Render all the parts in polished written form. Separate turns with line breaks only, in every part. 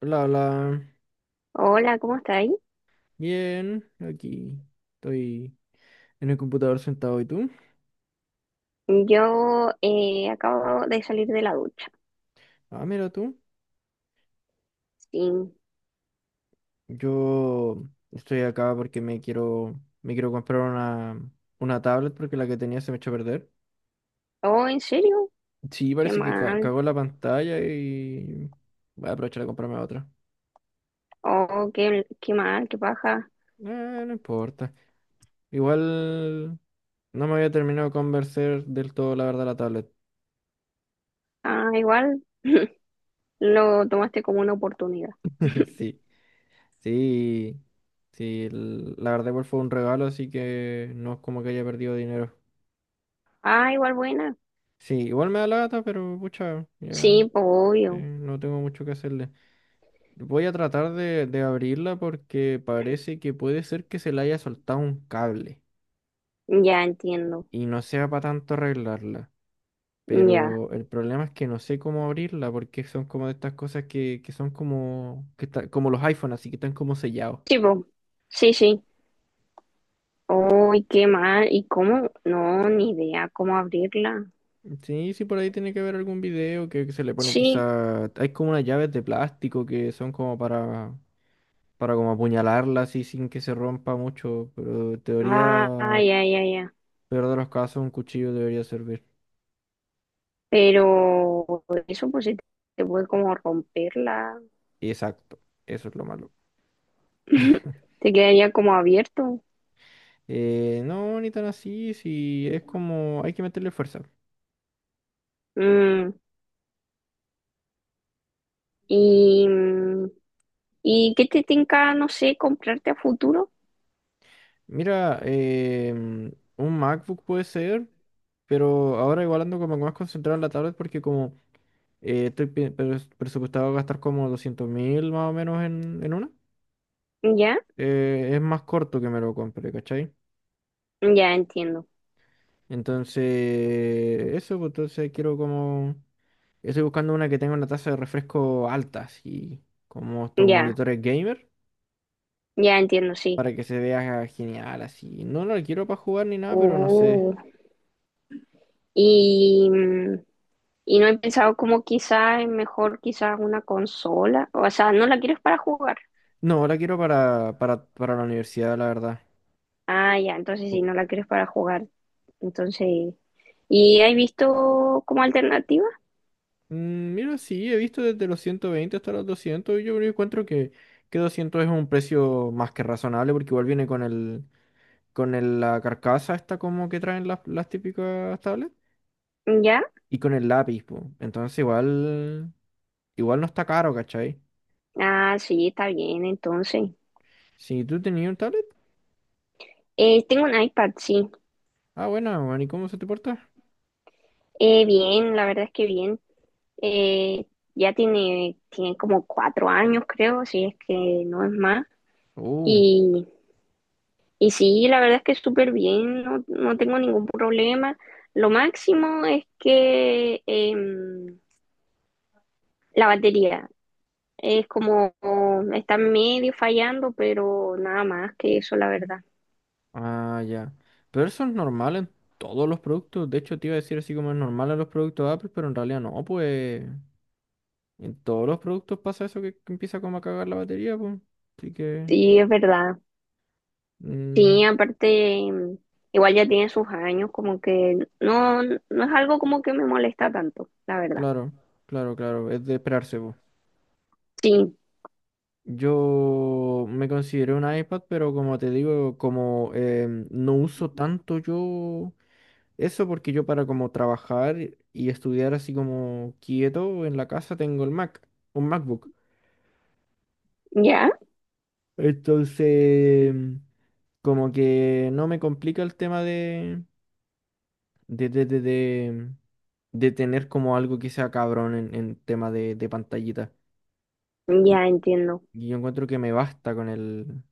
Hola, hola.
Hola, ¿cómo estáis?
Bien, aquí estoy en el computador sentado. ¿Y tú?
Yo acabo de salir de la ducha.
Ah, mira tú.
Sí.
Yo estoy acá porque me quiero comprar una tablet porque la que tenía se me echó a perder.
Oh, ¿en serio?
Sí,
Qué
parece que
mal.
cagó la pantalla y voy a aprovechar a comprarme otra.
Oh, qué mal, qué paja.
No importa. Igual no me había terminado de convencer del todo, la verdad, la tablet.
Ah, igual lo tomaste como una oportunidad.
Sí. Sí, sí, la verdad igual fue un regalo, así que no es como que haya perdido dinero.
Ah, igual buena.
Sí, igual me da lata, pero pucha, ya
Sí, pues obvio.
no tengo mucho que hacerle. Voy a tratar de abrirla porque parece que puede ser que se le haya soltado un cable
Ya entiendo.
y no sea para tanto arreglarla.
Ya.
Pero el problema es que no sé cómo abrirla porque son como de estas cosas que son como, como los iPhones, así que están como sellados.
Sí, po. Sí, sí. Oh, qué mal. ¿Y cómo? No, ni idea cómo abrirla.
Sí, sí, por ahí tiene que haber algún video que se le pone
Sí.
quizá. Hay como unas llaves de plástico que son como para como apuñalarla así sin que se rompa mucho, pero en teoría,
Ah, ya, ya, ya.
peor de los casos, un cuchillo debería servir.
Pero eso pues se te puede como romperla.
Exacto, eso es lo malo.
Te quedaría como abierto.
No, ni tan así, sí, es como. Hay que meterle fuerza.
Mm, y, mm, ¿Y qué te tinca, no sé, comprarte a futuro?
Mira, un MacBook puede ser, pero ahora igual ando como más concentrado en la tablet porque como. Estoy presupuestado a gastar como 200.000 más o menos en una.
¿Ya?
Es más corto que me lo compre, ¿cachai?
Ya entiendo.
Entonces, eso, pues, entonces quiero como. Estoy buscando una que tenga una tasa de refresco alta, así como estos
Ya,
monitores gamer,
ya entiendo, sí.
para que se vea genial, así. No la quiero para jugar ni nada, pero no sé.
Uh, y, mm, y no he pensado como quizás es mejor quizás una consola. O sea, no la quieres para jugar.
No, la quiero para la universidad, la verdad.
Ah, ya, entonces sí, no la quieres para jugar. Entonces, ¿y has visto como alternativa?
Mm, mira, sí, he visto desde los 120 hasta los 200 y yo encuentro que 200 es un precio más que razonable porque igual viene con el, la carcasa esta como que traen las típicas tablets
¿Ya?
y con el lápiz, po. Igual no está caro, ¿cachai?
Ah, sí, está bien, entonces.
Si tú tenías un tablet,
Tengo un iPad, sí.
ah, bueno, bueno, ¿y cómo se te porta?
Bien, la verdad es que bien. Eh, ya tiene como cuatro años, creo, si es que no es más.
Uh,
Y, y sí, la verdad es que súper bien, no, no tengo ningún problema. Lo máximo es que la batería es como, está medio fallando, pero nada más que eso, la verdad.
ah, ya. Pero eso es normal en todos los productos, de hecho te iba a decir así como es normal en los productos Apple, pero en realidad no, pues. En todos los productos pasa eso que empieza como a cagar la batería, pues. Así que,
Sí, es verdad. Sí,
mm,
aparte, em, igual ya tiene sus años, como que no, no es algo como que me molesta tanto, la verdad.
claro, claro, claro, es de esperarse, pues.
Sí,
Yo me consideré un iPad, pero como te digo, como no uso tanto yo eso, porque yo para como trabajar y estudiar así como quieto en la casa tengo el Mac, un MacBook.
ya,
Entonces, como que no me complica el tema de, de, de, de, de tener como algo que sea cabrón en tema de pantallita. Y,
ya entiendo.
y yo encuentro que me basta con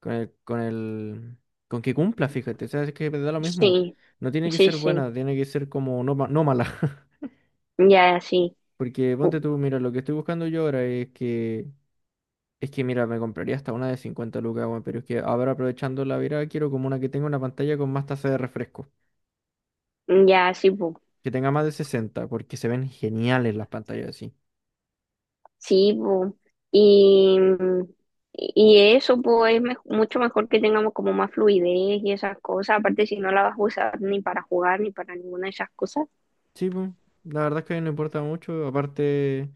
con el, con el, con que cumpla, fíjate. O sea, es que me da lo mismo.
Sí,
No tiene que
sí,
ser
sí,
buena, tiene que ser como no, no mala.
ya sí,
Porque ponte
pu-
tú, mira, lo que estoy buscando yo ahora es que mira, me compraría hasta una de 50 lucas, weón, pero es que ahora aprovechando la virada quiero como una que tenga una pantalla con más tasa de refresco.
ya sí, pu.
Que tenga más de 60 porque se ven geniales las pantallas así.
Sí, pu. Y, y eso pues es mucho mejor que tengamos como más fluidez y esas cosas, aparte si no la vas a usar ni para jugar ni para ninguna de esas cosas.
Sí, pues, la verdad es que no importa mucho. Aparte,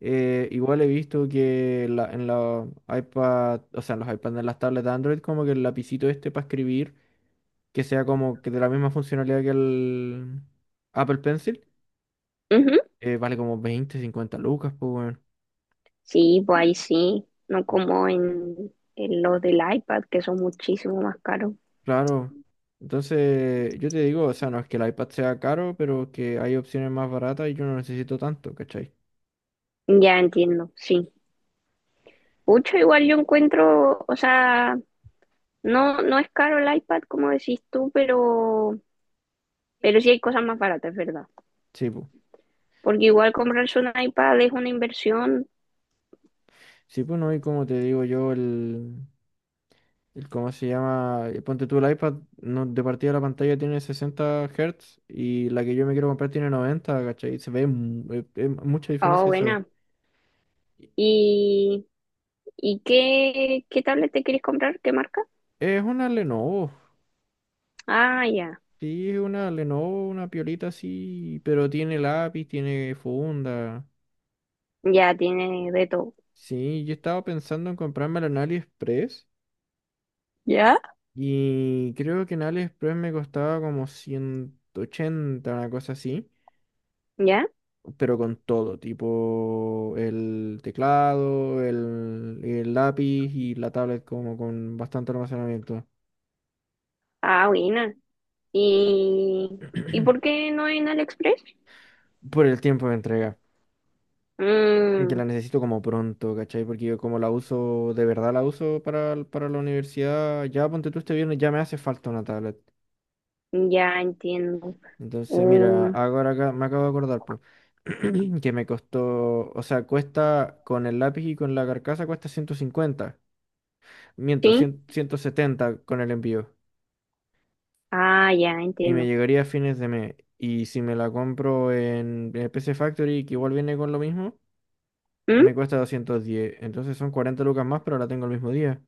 igual he visto en los iPad, o sea, en los iPads, en las tablets de Android, como que el lapicito este para escribir, que sea como que de la misma funcionalidad que el Apple Pencil,
Ujú.
vale como 20 50 lucas, pues, bueno.
Sí, pues ahí sí, no como en los del iPad que son muchísimo más caros.
Claro. Entonces, yo te digo, o sea, no es que el iPad sea caro, pero que hay opciones más baratas y yo no necesito tanto, ¿cachai?
Ya entiendo, sí. Mucho igual yo encuentro, o sea… No, no es caro el iPad, como decís tú, pero sí hay cosas más baratas, es verdad.
Sí, pues.
Porque igual comprarse un iPad es una inversión,
Sí, pues no, y como te digo yo, ¿Cómo se llama? Ponte tú el iPad, no, de partida la pantalla tiene 60 Hz y la que yo me quiero comprar tiene 90, ¿cachai? Se ve mucha
ah,
diferencia eso.
buena.
Y
¿Y, ¿y qué tablet te quieres comprar? ¿Qué marca?
es una Lenovo,
Ah, ya,
sí, es una Lenovo, una piolita así, pero tiene lápiz, tiene funda.
ya tiene de todo.
Sí, yo estaba pensando en comprármela en AliExpress
¿Ya?
y creo que en AliExpress me costaba como 180, una cosa así.
¿Ya?
Pero con todo, tipo el teclado, el lápiz y la tablet como con bastante almacenamiento.
Ah, buena. ¿Y, ¿y por qué no en AliExpress?
Por el tiempo de entrega. Que
Mm,
la necesito como pronto, ¿cachai? Porque yo como la uso, de verdad la uso para, para la universidad, ya ponte tú este viernes, ya me hace falta una tablet.
ya entiendo.
Entonces, mira,
Mm,
ahora acá, me acabo de acordar, pues, que me costó, o sea, cuesta con el lápiz y con la carcasa cuesta 150 miento,
sí,
cien ciento setenta con el envío.
ah, ya
Y me
entiendo.
llegaría a fines de mes. Y si me la compro en el PC Factory, que igual viene con lo mismo,
¿Mm?
me cuesta 210. Entonces son 40 lucas más, pero la tengo el mismo día.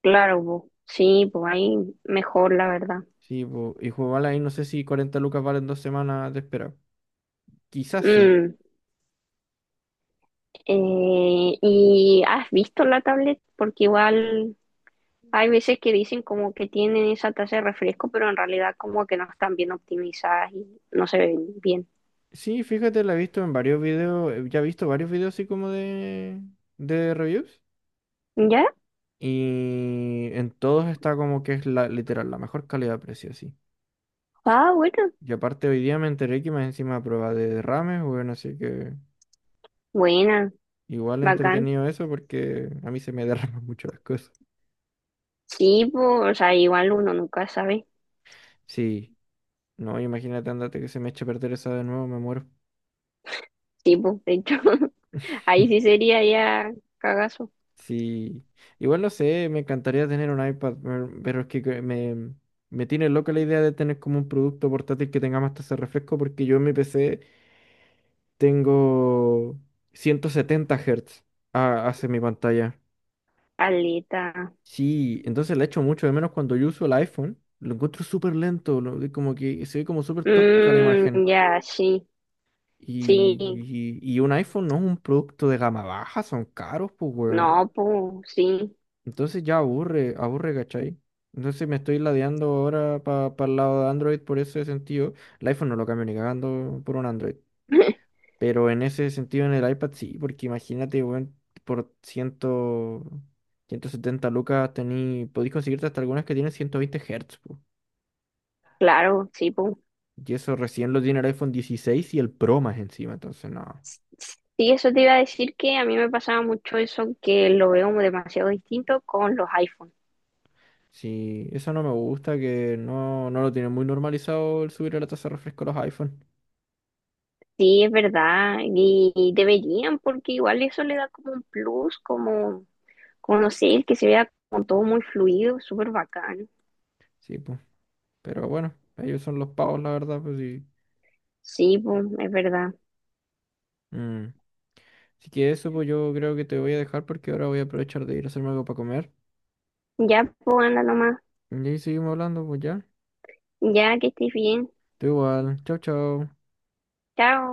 Claro, po. Sí, pues ahí mejor, la verdad.
Sí, po, y jugarla ahí no sé si 40 lucas valen dos semanas de espera. Quizás sí.
Mm, ¿Y has visto la tablet? Porque igual hay veces que dicen como que tienen esa tasa de refresco, pero en realidad como que no están bien optimizadas y no se ven bien.
Sí, fíjate, la he visto en varios videos, ya he visto varios videos así como de reviews.
¿Ya?
Y en todos está como que es la, literal, la mejor calidad-precio, sí.
Ah, bueno.
Y aparte hoy día me enteré que más encima a prueba de derrames, bueno, así que.
Buena,
Igual
bacán.
entretenido eso porque a mí se me derraman mucho las cosas.
Sí, pues, o sea, igual uno nunca sabe.
Sí, no, imagínate, andate que se me eche a perder esa de nuevo, me muero.
Sí, pues, de hecho, ahí sí sería ya cagazo.
Sí, igual no sé, me encantaría tener un iPad, pero es que me tiene loca la idea de tener como un producto portátil que tenga más tasa de refresco porque yo en mi PC tengo 170 Hz hacia mi pantalla.
Aleta.
Sí, entonces la echo mucho de menos cuando yo uso el iPhone. Lo encuentro súper lento, como que se ve como súper tosca la imagen.
Mm, ya, sí, sí.
Y un iPhone no es un producto de gama baja, son caros, pues, weón.
No, pues, sí.
Entonces ya aburre, aburre, ¿cachai? Entonces me estoy ladeando ahora para el lado de Android por ese sentido. El iPhone no lo cambio ni cagando por un Android. Pero en ese sentido en el iPad sí, porque imagínate, weón, por cien, 170 lucas tení, podéis conseguirte hasta algunas que tienen 120 Hz, po.
Claro, sí, pues.
Y eso recién lo tiene el iPhone 16 y el Pro más encima, entonces no.
Sí, eso te iba a decir que a mí me pasaba mucho eso, que lo veo demasiado distinto con los iPhones.
Sí, eso no me gusta, que no, no lo tienen muy normalizado el subir la tasa de refresco a los iPhone.
Sí, es verdad, y deberían, porque igual eso le da como un plus, como, como no sé, que se vea como todo muy fluido, súper bacán.
Sí, pues. Pero bueno, ellos son los pavos, la verdad, pues sí.
Sí, pues, es verdad.
Mm. Así que eso, pues yo creo que te voy a dejar porque ahora voy a aprovechar de ir a hacerme algo para comer.
Ya, pues, anda nomás,
Y ahí seguimos hablando, pues ya.
ya que estés bien.
Tú igual. Chao, chao.
Chao.